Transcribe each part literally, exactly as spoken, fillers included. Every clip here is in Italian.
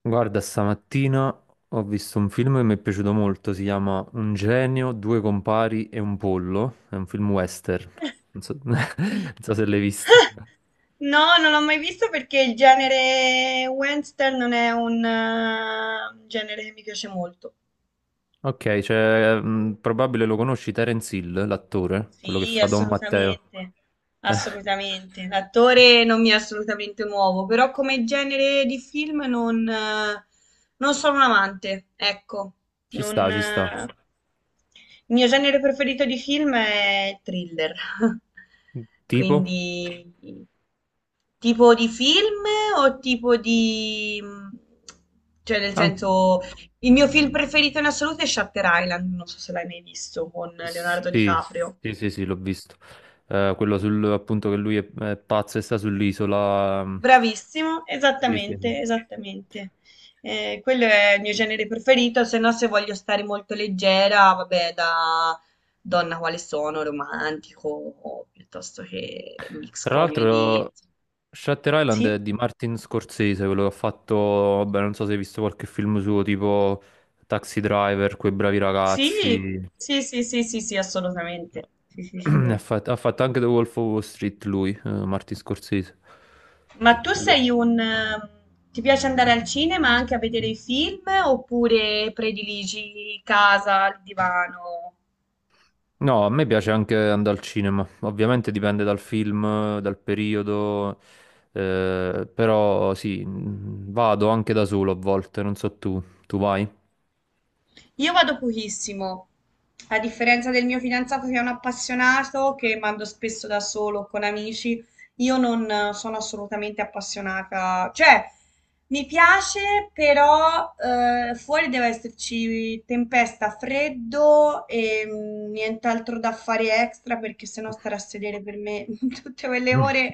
Guarda, stamattina ho visto un film che mi è piaciuto molto, si chiama Un genio, due compari e un pollo, è un film western, non so, non so se l'hai visto. No, non l'ho mai visto perché il genere western non è un eh, genere che mi piace molto. Ok, cioè, mh, probabile lo conosci Terence Hill, l'attore, quello che Sì, fa Don Matteo. assolutamente, Eh, assolutamente. L'attore non mi è assolutamente nuovo, però come genere di film non, eh, Non sono un amante, ecco. Ci sta, Non, ci sta. eh, Il mio genere preferito di film è il thriller. Tipo? Quindi, tipo di film o tipo di... Cioè, nel An- senso, il mio film preferito in assoluto è Shutter Island, non so se l'hai mai visto, con Leonardo sì, DiCaprio. sì, sì, sì, l'ho visto. Eh, quello sul, appunto che lui è, è pazzo e sta sull'isola. mh, Bravissimo, Sì, sì. esattamente, esattamente. Eh, quello è il mio genere preferito, se no se voglio stare molto leggera, vabbè, da donna quale sono, romantico, o piuttosto che mix Tra comedy. l'altro, Shutter Island è Sì, di Martin Scorsese, quello che ha fatto, vabbè, non so se hai visto qualche film suo, tipo Taxi Driver, Quei bravi sì, ragazzi. sì, sì, sì, sì, sì, No. assolutamente. Sì, sì, sì, Ne Ha sì. fatto, ha fatto anche The Wolf of Wall Street lui, eh, Martin Scorsese. Ma tu Quello- sei un... ehm, ti piace andare al cinema anche a vedere i film oppure prediligi casa, il divano? No, a me piace anche andare al cinema. Ovviamente dipende dal film, dal periodo, eh, però sì, mh, vado anche da solo a volte, non so tu, tu vai? Io vado pochissimo, a differenza del mio fidanzato che è un appassionato, che mando spesso da solo o con amici, io non eh, sono assolutamente appassionata. Cioè, mi piace, però eh, fuori deve esserci tempesta, freddo e mm, nient'altro da fare extra, perché sennò stare a sedere per me tutte quelle ore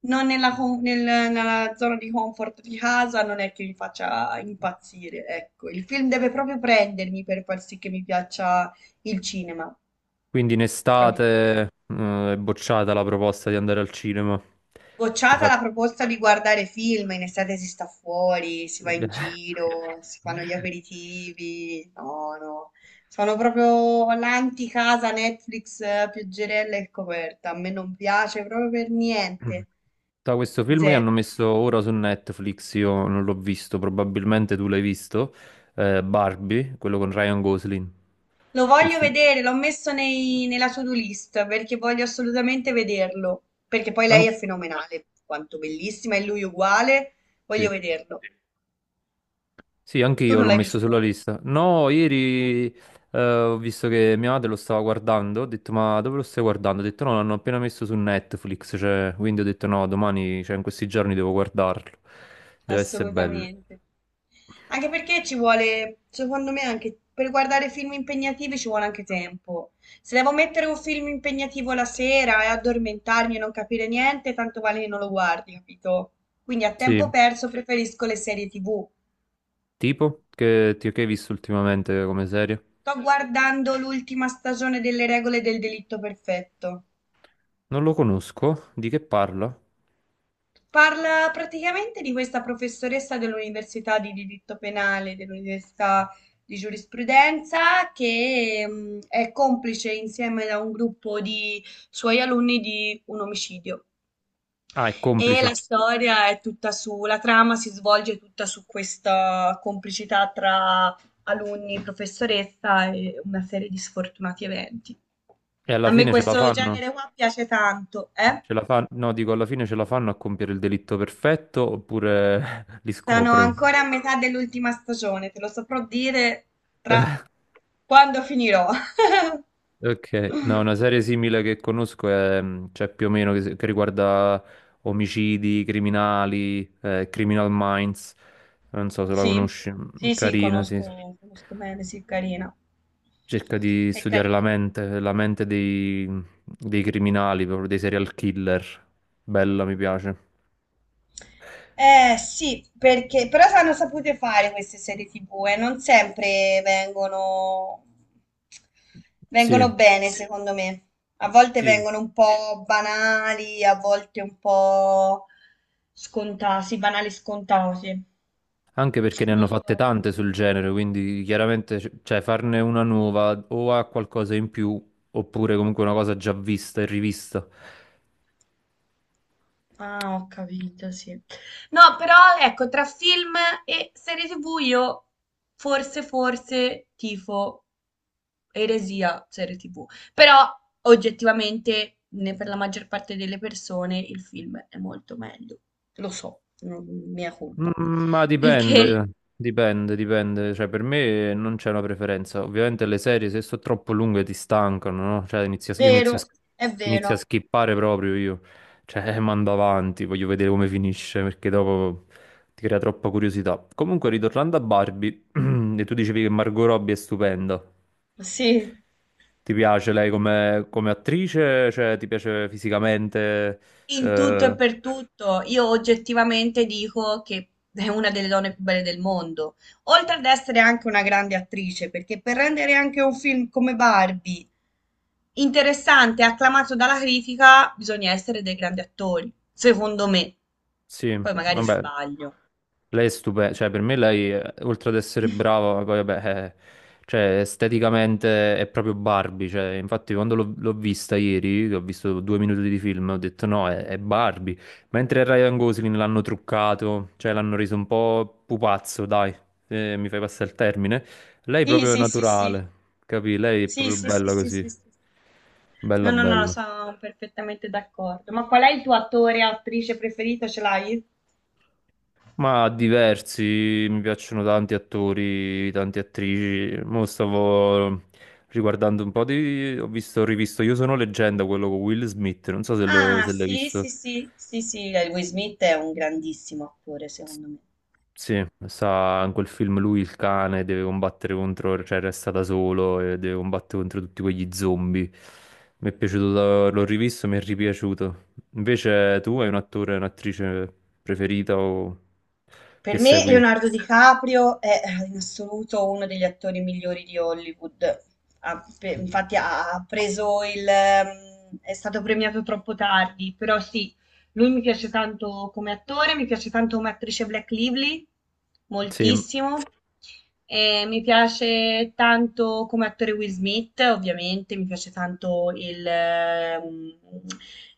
non nella, com- nel- nella zona di comfort di casa non è che mi faccia impazzire, ecco. Il film deve proprio prendermi per far sì che mi piaccia il cinema, Quindi in capito? estate, eh, è bocciata la proposta di andare al cinema. Che Bocciata fa... la proposta di guardare film, in estate si sta fuori, si va in giro, si fanno gli aperitivi, no, no. Sono proprio l'anti-casa Netflix, eh, pioggerella e coperta, a me non piace proprio per niente, Da questo film che hanno zero. messo ora su Netflix, io non l'ho visto, probabilmente tu l'hai visto, eh, Barbie, quello con Ryan Gosling. Lo Quel voglio film. vedere, l'ho messo nei- nella to-do list perché voglio assolutamente vederlo. Perché poi lei An- è fenomenale, quanto bellissima, e lui uguale. Voglio sì. vederlo. Sì, anche Tu io non l'ho l'hai messo sulla visto? lista. No, ieri eh, ho visto che mia madre lo stava guardando, ho detto ma dove lo stai guardando? Ho detto no, l'hanno appena messo su Netflix, cioè, quindi ho detto no, domani, cioè in questi giorni devo guardarlo. Deve essere bello. Assolutamente. Anche perché ci vuole, secondo me, anche per guardare film impegnativi ci vuole anche tempo. Se devo mettere un film impegnativo la sera e addormentarmi e non capire niente, tanto vale che non lo guardi, capito? Quindi a tempo Sì, perso preferisco le serie ti vu. tipo che, ti- che hai visto ultimamente come serie? Sto guardando l'ultima stagione delle regole del delitto perfetto. Non lo conosco, di che parla? Parla praticamente di questa professoressa dell'università di diritto penale, dell'università di giurisprudenza, che mm, è complice insieme a un gruppo di suoi alunni di un omicidio. Ah, è E la complice. storia è tutta su, la trama si svolge tutta su questa complicità tra alunni, professoressa e una serie di sfortunati eventi. E alla A me fine ce la questo fanno? genere qua piace tanto, eh? Ce la fanno? No, dico alla fine ce la fanno a compiere il delitto perfetto oppure li Sono scoprono? ancora a metà dell'ultima stagione, te lo saprò dire tra quando finirò. Ok, no, una serie simile che conosco è, mh, cioè più o meno che, che riguarda omicidi, criminali, eh, Criminal Minds, non so se la Sì, conosci, mm, sì, sì, carina, sì, conosco, sì. conosco bene, sì, è carina. Cerca di È studiare la carina. mente, la mente dei, dei criminali, proprio dei serial killer, bella, mi piace. Eh sì, perché però hanno sapute fare queste serie ti vu e non sempre vengono, Sì, vengono bene, sì, secondo me. A volte sì, vengono un po' banali, a volte un po' scontati, banali scontati. anche perché ne hanno Non so. fatte tante sul genere, quindi chiaramente c- cioè, farne una nuova o ha qualcosa in più oppure comunque una cosa già vista e rivista. Ah, ho capito, sì. No, però ecco, tra film e serie ti vu io forse, forse tifo eresia serie ti vu, però oggettivamente ne- per la maggior parte delle persone il film è molto meglio. Lo so, non- mia colpa. Mm, Ma Perché, dipende, dipende, dipende. Cioè, per me non c'è una preferenza. Ovviamente le serie, se sono troppo lunghe, ti stancano, no? Cioè, inizio, io inizio vero, a, è inizio a vero, skippare proprio io. Cioè, mando avanti, voglio vedere come finisce, perché dopo ti crea troppa curiosità. Comunque, ritornando a Barbie, e tu dicevi che Margot Robbie è stupenda. sì. Ti piace lei come, come attrice? Cioè, ti piace fisicamente? In tutto e Eh, per tutto, io oggettivamente dico che è una delle donne più belle del mondo, oltre ad essere anche una grande attrice, perché per rendere anche un film come Barbie interessante e acclamato dalla critica, bisogna essere dei grandi attori, secondo me. Sì, Poi magari sì, vabbè, sbaglio. lei è stupenda, cioè per me lei, eh, oltre ad essere brava, poi vabbè, eh, cioè esteticamente è proprio Barbie, cioè infatti quando l'ho l'ho vista ieri, che ho visto due minuti di film, ho detto no, è, è Barbie, mentre Ryan Gosling l'hanno truccato, cioè l'hanno reso un po' pupazzo, dai, se mi fai passare il termine, lei Sì, proprio è sì, sì, sì, naturale, capì? Lei è sì, proprio sì, sì, bella sì, così, sì, sì. No, bella no, no, bella. sono perfettamente d'accordo. Ma qual è il tuo attore e attrice preferito? Ce l'hai? Ma diversi, mi piacciono tanti attori, tante attrici. Mo stavo riguardando un po' di... Ho visto, ho rivisto Io sono leggenda, quello con Will Smith, non so se l- Ah, se l'hai sì, sì, visto. sì, sì, sì, eh, Will Smith è un grandissimo attore, S- secondo me. Sì, sa, in quel film lui il cane deve combattere contro, cioè resta da solo e deve combattere contro tutti quegli zombie. Mi è piaciuto, da- l'ho rivisto, mi è ripiaciuto. Invece tu hai un attore, un'attrice preferita o che Per me segui? Leonardo DiCaprio è eh, in assoluto uno degli attori migliori di Hollywood. Ha pe- infatti ha ha preso il... ehm, È stato premiato troppo tardi, però sì, lui mi piace tanto come attore, mi piace tanto come attrice Black Lively, Sì. moltissimo. E mi piace tanto come attore Will Smith, ovviamente, mi piace tanto il, eh, um,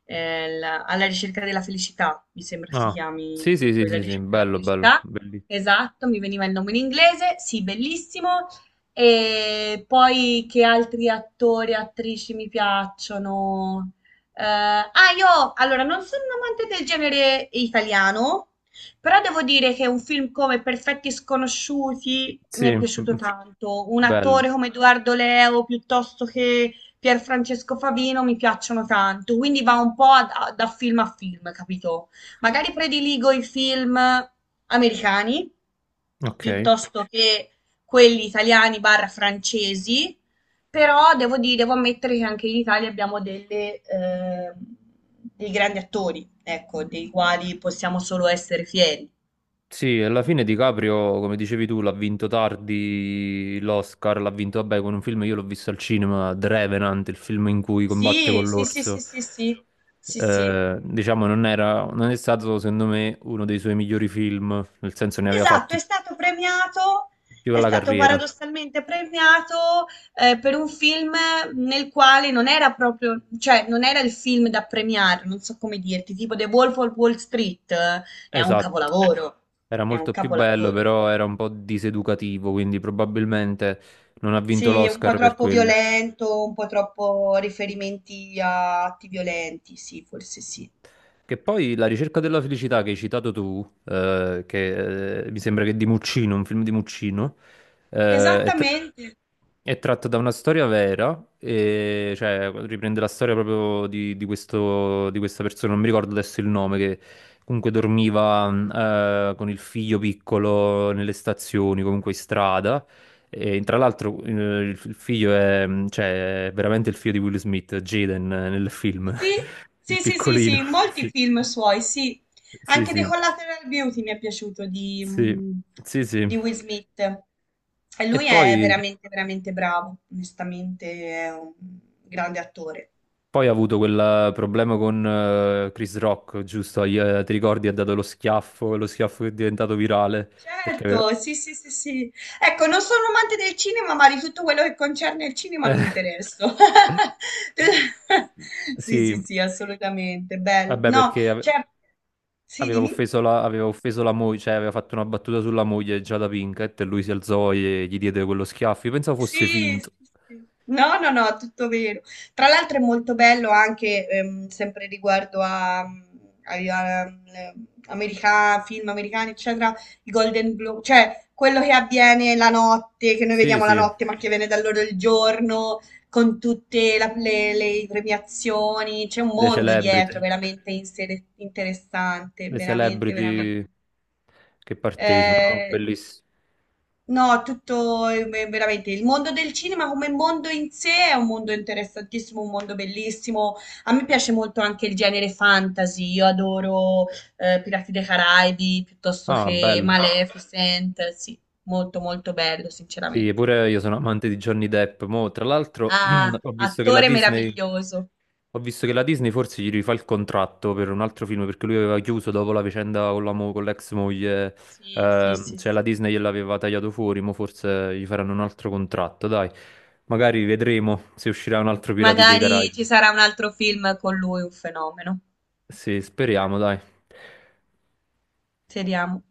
eh, la- Alla ricerca della felicità, mi sembra si Ah, chiami, sì, sì, sì, La sì, sì, ricerca della bello, bello, felicità. bellissimo. Esatto, mi veniva il nome in inglese, sì, bellissimo. E poi che altri attori e attrici mi piacciono? Eh, ah, io allora non sono un amante del genere italiano, però devo dire che un film come Perfetti Sconosciuti mi Sì, è piaciuto tanto. Un bello. attore come Edoardo Leo piuttosto che Pierfrancesco Favino mi piacciono tanto. Quindi va un po' a- da film a film, capito? Magari prediligo i film americani Ok. piuttosto che quelli italiani barra francesi, però devo dire, devo ammettere che anche in Italia abbiamo delle, eh, dei grandi attori, ecco, dei quali possiamo solo essere fieri. Sì, alla fine DiCaprio, come dicevi tu, l'ha vinto tardi l'Oscar, l'ha vinto, vabbè, con un film, io l'ho visto al cinema, The Revenant, il film in cui combatte Sì, con sì, sì, sì, l'orso. sì, sì, sì, sì. Eh, diciamo, non era, non è stato, secondo me, uno dei suoi migliori film, nel senso ne aveva Esatto, è fatti stato premiato, più è alla stato carriera. paradossalmente premiato eh, per un film nel quale non era proprio, cioè non era il film da premiare, non so come dirti, tipo The Wolf of Wall Street, eh, è un Esatto, capolavoro, era è un molto più bello, capolavoro. però era un po' diseducativo, quindi probabilmente non ha vinto Sì, un po' l'Oscar per troppo quello. violento, un po' troppo riferimenti a atti violenti, sì, forse sì. Che poi La ricerca della felicità che hai citato tu, eh, che eh, mi sembra che è di Muccino, un film di Muccino, eh, è, tra- Esattamente. è tratto da una storia vera, e, cioè riprende la storia proprio di, di questo- di questa persona, non mi ricordo adesso il nome, che comunque dormiva mh, eh, con il figlio piccolo nelle stazioni, comunque in strada. E tra l'altro eh, il il figlio è, cioè, è veramente il figlio di Will Smith, Jaden, eh, nel film, Sì, il sì, sì, sì, sì, piccolino. in molti film suoi, sì. Sì, Anche The sì, Collateral Beauty mi è piaciuto di, sì, mm, sì, sì. Sì. di Will Smith. E E lui poi, è veramente, veramente bravo, onestamente è un grande attore. poi ha avuto quel problema con eh, Chris Rock, giusto? Gli, eh, ti ricordi, ha dato lo schiaffo, lo schiaffo che è diventato virale, perché aveva... Certo, sì, sì, sì, sì. Ecco, non sono amante del cinema, ma di tutto quello che concerne il cinema mi Eh. interesso. Sì, Sì, sì, sì, assolutamente. Bello. vabbè, No, perché ave- cioè, sì, aveva dimmi. offeso la, aveva offeso la moglie, cioè aveva fatto una battuta sulla moglie già da Pinkett e lui si alzò e gli diede quello schiaffo. Io pensavo fosse Sì, finto. sì, sì. No, no, no, tutto vero. Tra l'altro è molto bello anche, ehm, sempre riguardo a, ai- a- ehm, america- film americani, eccetera, i Golden Globe, cioè quello che avviene la notte, che noi Sì, vediamo la sì, notte, ma che viene da loro il giorno, con tutte la- le, le premiazioni, c'è un le mondo celebrity, dietro veramente inser- interessante, le veramente, veramente. celebrity che partecipano, no, Eh, bellissimo. No, tutto eh, veramente il mondo del cinema come mondo in sé è un mondo interessantissimo, un mondo bellissimo. A me piace molto anche il genere fantasy. Io adoro eh, Pirati dei Caraibi piuttosto Ah, che bello. Maleficent. Sì, molto molto bello, Sì, sinceramente. pure io sono amante di Johnny Depp. Mo, tra l'altro, Ah, ho visto che la attore Disney meraviglioso. Ho visto che la Disney forse gli rifà il contratto per un altro film perché lui aveva chiuso dopo la vicenda con la mo- con l'ex moglie, Sì, sì, eh, sì, cioè la sì. Disney gliel'aveva tagliato fuori, ma forse gli faranno un altro contratto, dai. Magari vedremo se uscirà un altro Pirati dei Magari ci Caraibi. sarà un altro film con lui, un fenomeno. Sì, speriamo, dai. Speriamo.